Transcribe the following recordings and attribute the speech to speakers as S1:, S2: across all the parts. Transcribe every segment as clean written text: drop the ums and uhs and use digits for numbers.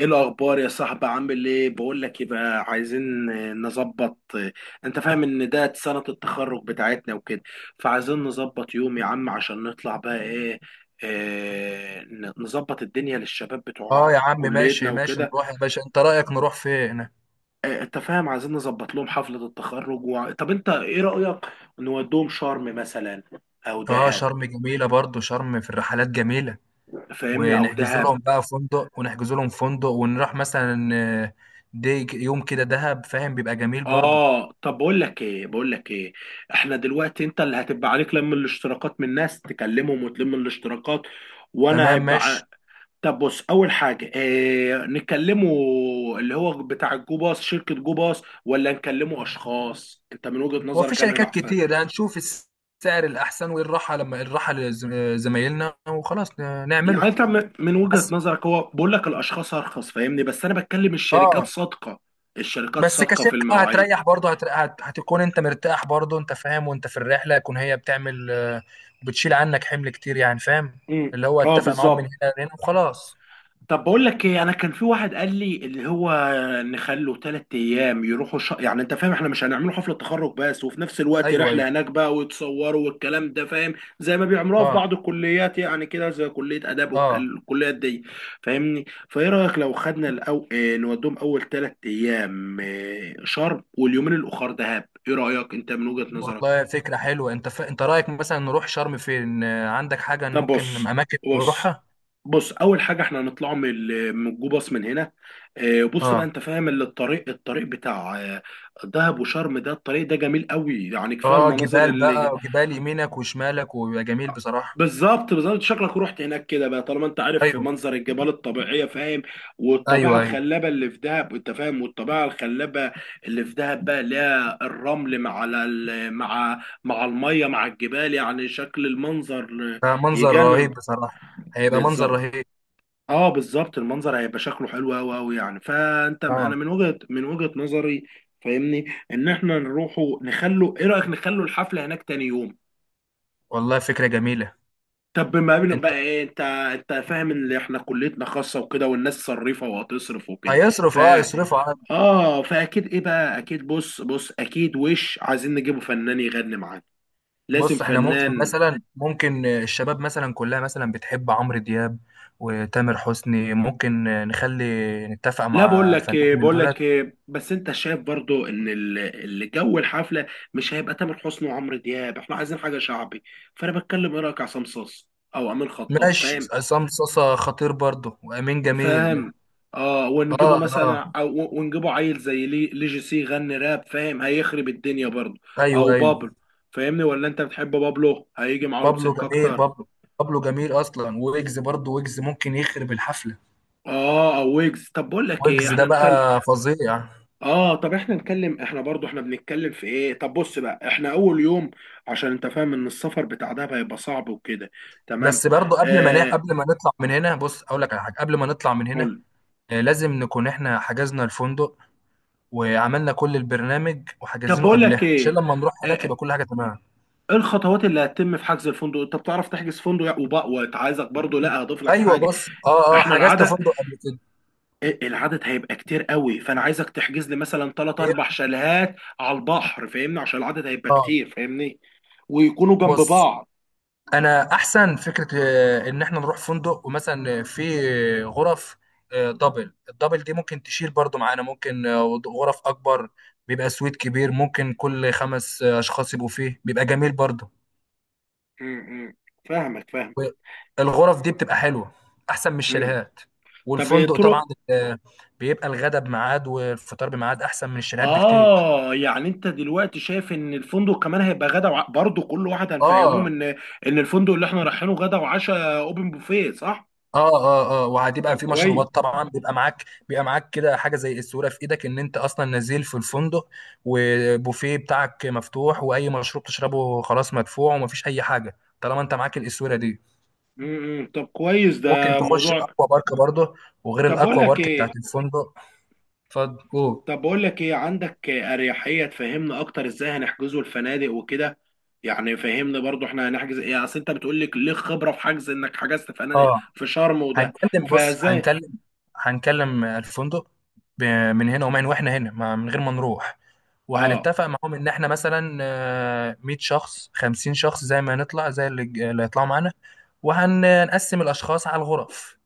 S1: ايه الاخبار يا صاحبي؟ عامل ايه؟ بقول لك، يبقى عايزين نظبط انت فاهم ان ده سنة التخرج بتاعتنا وكده. فعايزين نظبط يوم يا عم عشان نطلع بقى ايه. نظبط الدنيا للشباب
S2: اه
S1: بتوع
S2: يا عم، ماشي
S1: كليتنا
S2: ماشي،
S1: وكده.
S2: نروح يا باشا. انت رأيك نروح فين؟
S1: انت فاهم عايزين نظبط لهم حفلة التخرج طب انت ايه رأيك؟ نودوهم شرم مثلا، او
S2: اه
S1: دهب.
S2: شرم جميلة برضو، شرم في الرحلات جميلة.
S1: فاهمني، او
S2: ونحجز
S1: دهب.
S2: لهم بقى فندق، ونحجز لهم فندق ونروح مثلا. آه، دي يوم كده دهب فاهم، بيبقى جميل برضو.
S1: اه، طب بقول لك ايه، احنا دلوقتي انت اللي هتبقى عليك لم الاشتراكات من ناس تكلمهم وتلم الاشتراكات، وانا
S2: تمام
S1: هيبقى
S2: ماشي.
S1: طب بص، اول حاجه إيه نكلمه؟ اللي هو بتاع الجو باص، شركه جو باص، ولا نكلمه اشخاص؟ انت من وجهه
S2: هو في
S1: نظرك انا
S2: شركات
S1: العفان.
S2: كتير، هنشوف السعر الأحسن والراحة، لما الراحة لزمايلنا وخلاص
S1: يعني
S2: نعمله.
S1: انت من وجهه
S2: بس
S1: نظرك، هو بقول لك الاشخاص ارخص، فاهمني، بس انا بتكلم الشركات
S2: اه،
S1: صادقه. الشركات
S2: بس
S1: صادقه في
S2: كشركة اه
S1: المواعيد.
S2: هتريح برضه، هتكون انت مرتاح برضه انت فاهم، وانت في الرحلة يكون هي بتعمل بتشيل عنك حمل كتير يعني فاهم.
S1: امم.
S2: اللي هو
S1: اه،
S2: اتفق معاهم من
S1: بالظبط.
S2: هنا لهنا وخلاص.
S1: طب بقول لك ايه، انا كان في واحد قال لي اللي هو نخلوا ثلاث ايام يروحوا يعني انت فاهم احنا مش هنعمله حفله تخرج بس، وفي نفس الوقت
S2: ايوه ايوه.
S1: رحله هناك بقى ويتصوروا والكلام ده، فاهم؟ زي ما بيعملوها في
S2: اه
S1: بعض الكليات، يعني كده زي كليه اداب
S2: اه.
S1: والكليات دي. فاهمني، فايه رايك لو خدنا اه، نودهم اول ثلاث ايام اه شرم واليومين الاخر دهب. ايه رايك انت من وجهه نظرك؟
S2: والله فكرة حلوة. انت انت رأيك مثلا نروح شرم فين؟ عندك حاجة
S1: طب
S2: ممكن اماكن
S1: بص
S2: نروحها؟
S1: بص، اول حاجه احنا هنطلع من من جو باص من هنا. بص بقى،
S2: اه
S1: انت فاهم اللي الطريق بتاع دهب وشرم، ده الطريق ده جميل قوي، يعني كفايه
S2: اه،
S1: المناظر
S2: جبال
S1: اللي،
S2: بقى وجبال يمينك وشمالك، ويبقى جميل بصراحة.
S1: بالظبط بالظبط، شكلك رحت هناك كده بقى، طالما انت عارف
S2: ايوه
S1: منظر الجبال الطبيعيه. فاهم؟ والطبيعه
S2: ايوه ايوه.
S1: الخلابه اللي في دهب، انت فاهم، والطبيعه الخلابه اللي في دهب بقى، اللي هي الرمل مع مع الميه مع الجبال، يعني شكل المنظر
S2: منظر
S1: يجنن.
S2: رهيب بصراحة. هيبقى منظر
S1: بالظبط.
S2: رهيب.
S1: اه، بالظبط، المنظر هيبقى شكله حلو قوي قوي، يعني فانت انا
S2: اه.
S1: من وجهة نظري، فاهمني، ان احنا نروحوا نخلوا، ايه رأيك نخلوا الحفلة هناك تاني يوم؟
S2: والله فكرة جميلة.
S1: طب ما بين بقى ايه، انت فاهم ان احنا كليتنا خاصة وكده والناس صريفة وهتصرف وكده. ف
S2: هيصرف، اه يصرفوا. عن
S1: اه، فاكيد ايه بقى، اكيد، بص، اكيد وش عايزين نجيبه فنان يغني معانا. لازم
S2: بص، احنا ممكن
S1: فنان.
S2: مثلا، ممكن الشباب مثلا كلها مثلا بتحب عمرو دياب وتامر حسني، ممكن نخلي، نتفق
S1: لا، بقول
S2: مع
S1: لك
S2: فنان
S1: إيه،
S2: من
S1: بقول
S2: دولت.
S1: لك إيه، بس انت شايف برضو ان اللي جو الحفله مش هيبقى تامر حسني وعمرو دياب. احنا عايزين حاجه شعبي. فانا بتكلم، ايه رايك عصام صاص او امين خطاب؟
S2: ماشي،
S1: فاهم.
S2: عصام صاصا خطير برضه، وامين جميل.
S1: فاهم. اه، ونجيبه
S2: اه اه.
S1: مثلا، او ونجيبه عيل زي لي لي جي سي، غني راب، فاهم؟ هيخرب الدنيا برضو.
S2: ايوه
S1: او
S2: ايوه.
S1: بابلو، فاهمني، ولا انت بتحب بابلو، هيجي معاهم
S2: بابلو
S1: سكه
S2: جميل،
S1: اكتر.
S2: بابلو. بابلو جميل اصلا، ويجز برضه. ويجز ممكن يخرب الحفله.
S1: اه، او ويجز. طب بقول لك ايه،
S2: ويجز ده
S1: احنا نكلم،
S2: بقى فظيع.
S1: اه، طب احنا نتكلم. احنا برضو احنا بنتكلم في ايه؟ طب بص بقى، احنا اول يوم، عشان انت فاهم ان السفر بتاع دهب هيبقى صعب وكده، تمام.
S2: بس برضه
S1: آه،
S2: قبل ما نطلع من هنا، بص اقول لك على حاجه قبل ما نطلع من هنا.
S1: قول.
S2: لازم نكون احنا حجزنا الفندق وعملنا كل البرنامج
S1: طب
S2: وحجزينه
S1: بقول لك
S2: قبلها، عشان
S1: ايه،
S2: لما نروح هناك
S1: آه،
S2: يبقى كل حاجه تمام.
S1: ايه الخطوات اللي هتتم في حجز الفندق؟ انت بتعرف تحجز فندق وبقى، وعايزك برضو، لا هضيف لك
S2: ايوه.
S1: حاجه.
S2: بص اه اه،
S1: احنا
S2: حجزت
S1: العدد،
S2: فندق قبل كده.
S1: إيه، العدد هيبقى كتير قوي، فانا عايزك تحجز لي مثلا ثلاث
S2: إيه؟
S1: اربع شاليهات على البحر، فاهمني، عشان العدد هيبقى
S2: اه.
S1: كتير، فاهمني، ويكونوا جنب
S2: بص،
S1: بعض.
S2: انا احسن فكره ان احنا نروح فندق، ومثلا في غرف دبل. الدبل دي ممكن تشيل برضو معانا. ممكن غرف اكبر، بيبقى سويت كبير، ممكن كل خمس اشخاص يبقوا فيه، بيبقى جميل برضو.
S1: م- م. فاهمك، فاهم.
S2: والغرف دي بتبقى حلوه، احسن من
S1: م.
S2: الشاليهات.
S1: طب،
S2: والفندق طبعا
S1: طرق،
S2: آه، بيبقى الغدا بميعاد والفطار بميعاد، احسن من الشاليهات بكتير.
S1: اه، يعني انت دلوقتي شايف ان الفندق كمان هيبقى غدا برضه كل واحد هنفهمهم
S2: اه
S1: ان الفندق اللي احنا رايحينه غدا وعشاء اوبن بوفيه، صح؟
S2: اه اه، اه
S1: طب
S2: وهتبقى في
S1: كويس.
S2: مشروبات طبعا، بيبقى معاك، بيبقى معاك كده حاجه زي الصوره في ايدك ان انت اصلا نازل في الفندق وبوفيه بتاعك مفتوح، واي مشروب تشربه خلاص مدفوع، ومفيش اي حاجه طالما انت معاك الاسوره دي.
S1: امم. طب كويس،
S2: ممكن
S1: ده
S2: تخش
S1: موضوع.
S2: الاكوا بارك برضه، وغير
S1: طب بقول
S2: الاكوا
S1: لك
S2: بارك بتاعت
S1: ايه،
S2: الفندق. اتفضل قول.
S1: عندك اريحيه تفهمنا اكتر ازاي هنحجزه الفنادق وكده؟ يعني فهمني برضو احنا هنحجز ايه، اصل انت بتقول لك ليه خبره في حجز، انك حجزت فنادق
S2: اه،
S1: في شرم وده،
S2: هنكلم. بص
S1: فازاي؟
S2: هنكلم، هنكلم الفندق ب- من هنا، واحنا هنا من غير ما نروح.
S1: اه،
S2: وهنتفق معاهم ان احنا مثلا 100 شخص، 50 شخص، زي ما نطلع، زي اللي هيطلعوا معانا. وهنقسم الاشخاص على الغرف.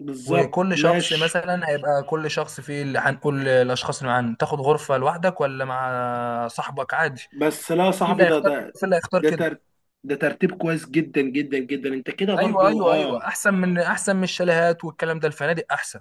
S1: بالظبط،
S2: وكل شخص
S1: ماشي.
S2: مثلا هيبقى، كل شخص فيه، اللي هنقول الاشخاص اللي معانا، تاخد غرفة لوحدك ولا مع صاحبك عادي.
S1: بس لا يا
S2: في
S1: صاحبي،
S2: اللي هيختار كده، في اللي هيختار
S1: ده
S2: كده.
S1: تر... ده ترتيب كويس جدا جدا جدا. انت كده
S2: ايوه
S1: برضو،
S2: ايوه
S1: اه.
S2: ايوه، احسن من، احسن من الشاليهات والكلام ده، الفنادق احسن.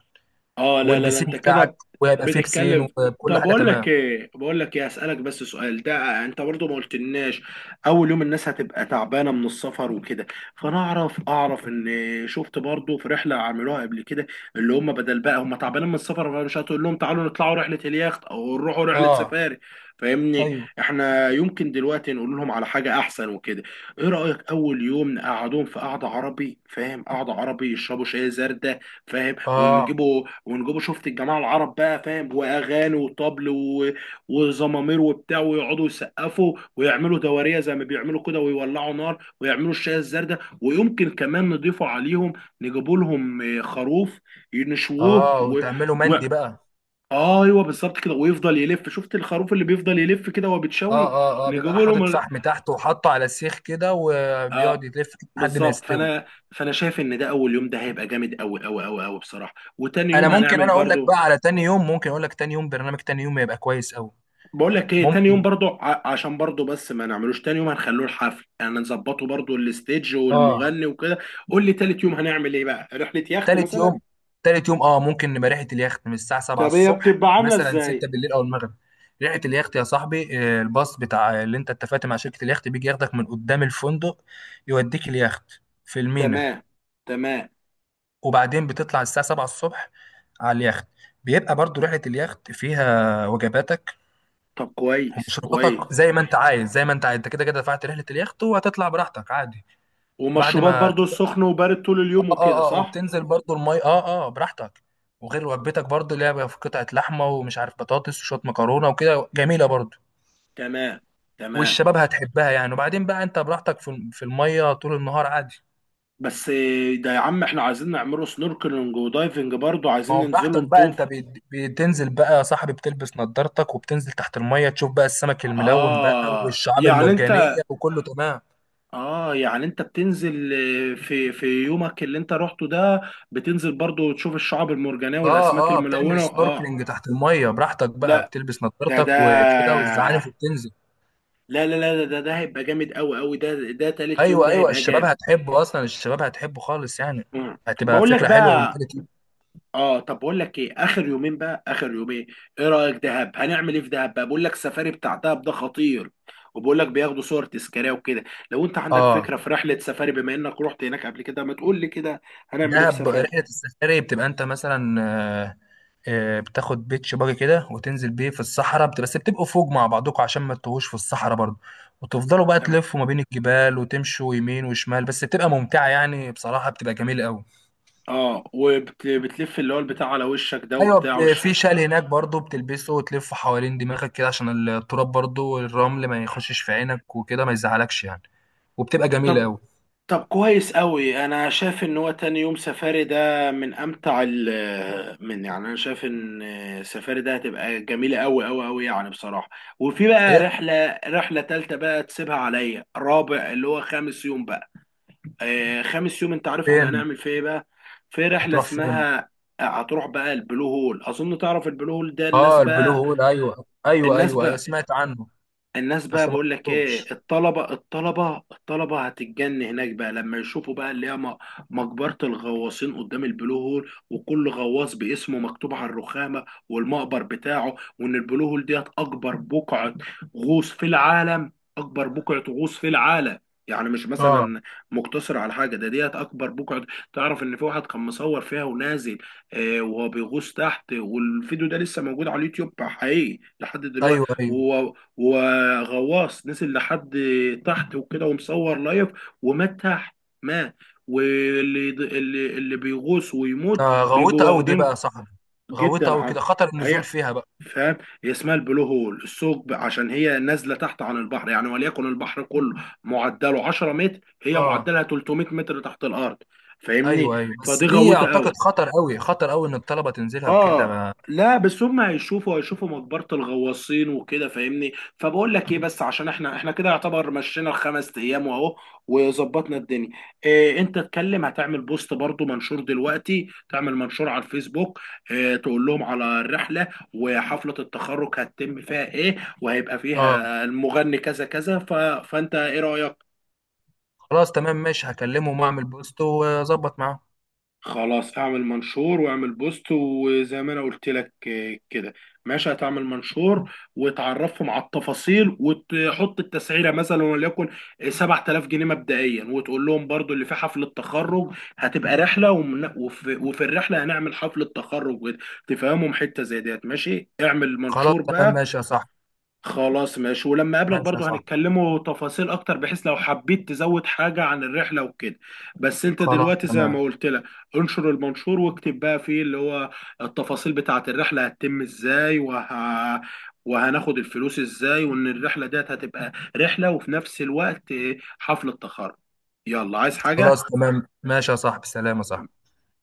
S1: اه، لا لا لا،
S2: والبسين
S1: انت
S2: بتاعك،
S1: كده
S2: وهيبقى فيه بسين
S1: بتتكلم.
S2: وكل
S1: طب
S2: حاجه
S1: اقول لك
S2: تمام.
S1: ايه بقول لك ايه، اسالك بس سؤال، ده انت برضو ما قلتلناش. اول يوم الناس هتبقى تعبانه من السفر وكده، فانا اعرف ان، شفت برضو في رحله عملوها قبل كده، اللي هم بدل بقى هم تعبانين من السفر، فمش هتقول لهم تعالوا نطلعوا رحله اليخت او نروحوا رحله
S2: اه
S1: سفاري، فاهمني.
S2: ايوه
S1: احنا يمكن دلوقتي نقول لهم على حاجه احسن وكده. ايه رايك اول يوم نقعدهم في قعده عربي، فاهم؟ قعده عربي، يشربوا شاي زردة، فاهم،
S2: اه
S1: ونجيبوا ومن جوه شفت الجماعه العرب بقى، فاهم، واغاني وطبل وزمامير وبتاع، ويقعدوا يسقفوا ويعملوا دواريه زي ما بيعملوا كده، ويولعوا نار ويعملوا الشاي الزردة، ويمكن كمان نضيفوا عليهم، نجيبوا لهم خروف ينشووه
S2: اه، وتعمله
S1: و...
S2: مندي بقى.
S1: آه، ايوه، بالظبط كده، ويفضل يلف، شفت الخروف اللي بيفضل يلف كده وهو
S2: اه
S1: بيتشوي.
S2: اه اه، بيبقى
S1: نجيبوا لهم
S2: حاطط فحم تحت وحاطه على السيخ كده، وبيقعد
S1: اه،
S2: يلف كده لحد ما
S1: بالظبط.
S2: يستوي.
S1: فانا، فانا شايف ان ده اول يوم ده هيبقى جامد قوي قوي قوي قوي بصراحه. وتاني
S2: انا
S1: يوم
S2: ممكن،
S1: هنعمل
S2: انا اقول لك
S1: برضو،
S2: بقى على تاني يوم. ممكن اقول لك تاني يوم، برنامج تاني يوم يبقى كويس قوي.
S1: بقول لك ايه، تاني يوم
S2: ممكن.
S1: برضو عشان برضو، بس ما نعملوش تاني يوم، هنخلوه الحفل يعني، نظبطه برضو، الستيج
S2: اه.
S1: والمغني وكده. قول لي تالت يوم هنعمل ايه بقى، رحلة يخت
S2: تالت
S1: مثلا؟
S2: يوم، تالت يوم اه، ممكن نبقى ريحه اليخت من الساعه 7
S1: طب هي
S2: الصبح
S1: بتبقى عاملة
S2: مثلا، 6
S1: ازاي؟
S2: بالليل او المغرب. ريحه اليخت يا صاحبي الباص بتاع، اللي انت اتفقت مع شركه اليخت، بيجي ياخدك من قدام الفندق، يوديك اليخت في المينا.
S1: تمام، تمام.
S2: وبعدين بتطلع الساعه 7 الصبح على اليخت. بيبقى برضو رحلة اليخت فيها وجباتك
S1: طب كويس كويس.
S2: ومشروباتك زي ما انت عايز، زي ما انت عايز. انت كده كده دفعت رحلة اليخت، وهتطلع براحتك عادي. بعد
S1: ومشروبات
S2: ما
S1: برضو سخن وبارد طول
S2: اه
S1: اليوم وكده،
S2: اه اه،
S1: صح؟
S2: وبتنزل برضو المي اه اه براحتك. وغير وجبتك برضو، اللي هي في قطعة لحمة ومش عارف بطاطس وشوية مكرونة وكده، جميلة برضو.
S1: تمام، تمام.
S2: والشباب هتحبها يعني. وبعدين بقى انت براحتك في المية طول النهار عادي.
S1: بس إيه ده يا عم، احنا عايزين نعمله سنوركلينج ودايفنج برضو،
S2: ما
S1: عايزين
S2: هو
S1: ننزله
S2: براحتك بقى. انت
S1: نطوف.
S2: بتنزل بقى يا صاحبي، بتلبس نضارتك، وبتنزل تحت المية، تشوف بقى السمك الملون بقى
S1: اه
S2: والشعاب
S1: يعني انت
S2: المرجانية وكله تمام.
S1: اه يعني انت بتنزل، في يومك اللي انت رحته ده بتنزل برضو تشوف الشعاب المرجانية والاسماك
S2: اه اه، بتعمل
S1: الملونة، اه.
S2: سنوركلينج تحت المية براحتك بقى،
S1: لا
S2: بتلبس
S1: ده ده
S2: نضارتك وكده والزعانف، وبتنزل.
S1: لا لا لا، ده هيبقى جامد قوي قوي، ده ده تالت يوم
S2: ايوه
S1: ده
S2: ايوه.
S1: هيبقى
S2: الشباب
S1: جامد.
S2: هتحبه اصلا، الشباب هتحبه خالص يعني.
S1: مم.
S2: هتبقى
S1: بقول لك
S2: فكره حلوه
S1: بقى،
S2: ومنتاليتي.
S1: اه، طب بقول لك ايه، اخر يومين، ايه رأيك دهب هنعمل ايه في دهب بقى؟ بقول لك سفاري بتاع دهب ده خطير، وبقول لك بياخدوا صور تذكاريه وكده. لو انت عندك
S2: اه.
S1: فكرة في رحلة سفاري، بما انك رحت هناك قبل كده، ما تقول لي كده، هنعمل ايه في
S2: دهب
S1: سفاري؟
S2: رحله السفاري، بتبقى انت مثلا آه، بتاخد بيتش باجي كده وتنزل بيه في الصحراء، بس بتبقوا فوق مع بعضكم عشان ما تتوهوش في الصحراء برضه. وتفضلوا بقى تلفوا ما بين الجبال، وتمشوا يمين وشمال. بس بتبقى ممتعه يعني بصراحه، بتبقى جميله قوي.
S1: اه، وبتلف اللي هو البتاع على وشك ده
S2: ايوه.
S1: وبتاع
S2: في
S1: وشها.
S2: شال هناك برضه، بتلبسه وتلفه حوالين دماغك كده، عشان التراب برضه والرمل ما يخشش في عينك وكده، ما يزعلكش يعني. وبتبقى جميله
S1: طب
S2: قوي.
S1: طب كويس قوي، انا شايف ان هو تاني يوم سفاري ده من امتع من، يعني انا شايف ان سفاري ده هتبقى جميله قوي قوي قوي، يعني بصراحه. وفي بقى رحله، تالته بقى تسيبها عليا، رابع اللي هو خامس يوم بقى. آه، خامس يوم انت عارف احنا
S2: فين؟
S1: هنعمل فيه ايه بقى؟ في رحله
S2: هتروح فين؟
S1: اسمها، هتروح بقى البلو هول، اظن تعرف البلو هول ده.
S2: اه البلو هول، ايوه ايوه
S1: الناس
S2: ايوه ايوه،
S1: بقى
S2: سمعت عنه.
S1: الناس بقى،
S2: بس ما
S1: بقول لك ايه،
S2: رحتوش.
S1: الطلبه هتتجن هناك بقى، لما يشوفوا بقى اللي هي مقبره الغواصين قدام البلو هول، وكل غواص باسمه مكتوب على الرخامه والمقبر بتاعه، وان البلو هول ديت اكبر بقعه غوص في العالم. اكبر بقعه غوص في العالم، يعني مش
S2: اه.
S1: مثلا مقتصر على حاجه، ده ديت اكبر بقعه. تعرف ان في واحد كان مصور فيها ونازل، آه، وهو بيغوص تحت، والفيديو ده لسه موجود على اليوتيوب حقيقي لحد دلوقتي.
S2: ايوه ايوه.
S1: وغواص نزل لحد تحت وكده، ومصور لايف، ومات تحت. مات. واللي اللي اللي بيغوص
S2: ده
S1: ويموت
S2: غويطه
S1: بيجوا
S2: قوي دي بقى
S1: واخدين،
S2: يا صاحبي. غويطه
S1: جدا
S2: قوي
S1: عن،
S2: كده، خطر النزول
S1: هي،
S2: فيها بقى.
S1: فاهم، هي اسمها البلو هول الثقب، عشان هي نازله تحت عن البحر، يعني وليكن البحر كله معدله 10 متر، هي
S2: اه.
S1: معدلها 300 متر تحت الارض، فاهمني،
S2: ايوه ايوه، بس
S1: فدي
S2: دي
S1: غويطه
S2: اعتقد
S1: قوي.
S2: خطر قوي، خطر قوي ان الطلبه تنزلها وكده
S1: اه، لا بس هم هيشوفوا مقبرة الغواصين وكده، فاهمني. فبقول لك ايه، بس عشان احنا كده يعتبر مشينا الخمس ايام، واهو وظبطنا الدنيا. إيه انت اتكلم، هتعمل بوست برضو، منشور دلوقتي، تعمل منشور على الفيسبوك، إيه تقول لهم على الرحلة، وحفلة التخرج هتتم فيها ايه، وهيبقى
S2: اه.
S1: فيها المغني كذا كذا فانت ايه رأيك؟
S2: خلاص تمام ماشي، هكلمهم واعمل بوست واظبط معاهم.
S1: خلاص اعمل منشور واعمل بوست، وزي ما انا قلت لك كده. ماشي هتعمل منشور، وتعرفهم على التفاصيل، وتحط التسعيره مثلا، وليكن 7000 جنيه مبدئيا. وتقول لهم برضو اللي في حفله تخرج هتبقى رحله وفي الرحله هنعمل حفله تخرج تفهمهم حته زي ديت. ماشي، اعمل
S2: خلاص
S1: منشور
S2: تمام
S1: بقى.
S2: ماشي يا صاحبي.
S1: خلاص ماشي، ولما اقابلك
S2: ماشي يا
S1: برضو
S2: صاحبي.
S1: هنتكلموا تفاصيل اكتر، بحيث لو حبيت تزود حاجة عن الرحلة وكده. بس انت
S2: خلاص
S1: دلوقتي زي
S2: تمام.
S1: ما قلت لك، انشر المنشور، واكتب بقى فيه اللي هو التفاصيل بتاعة الرحلة هتتم ازاي، وهناخد الفلوس ازاي، وان الرحلة ديت هتبقى رحلة، وفي نفس الوقت حفلة تخرج. يلا، عايز
S2: خلاص
S1: حاجة؟
S2: تمام ماشي يا صاحبي، سلام يا صاحبي.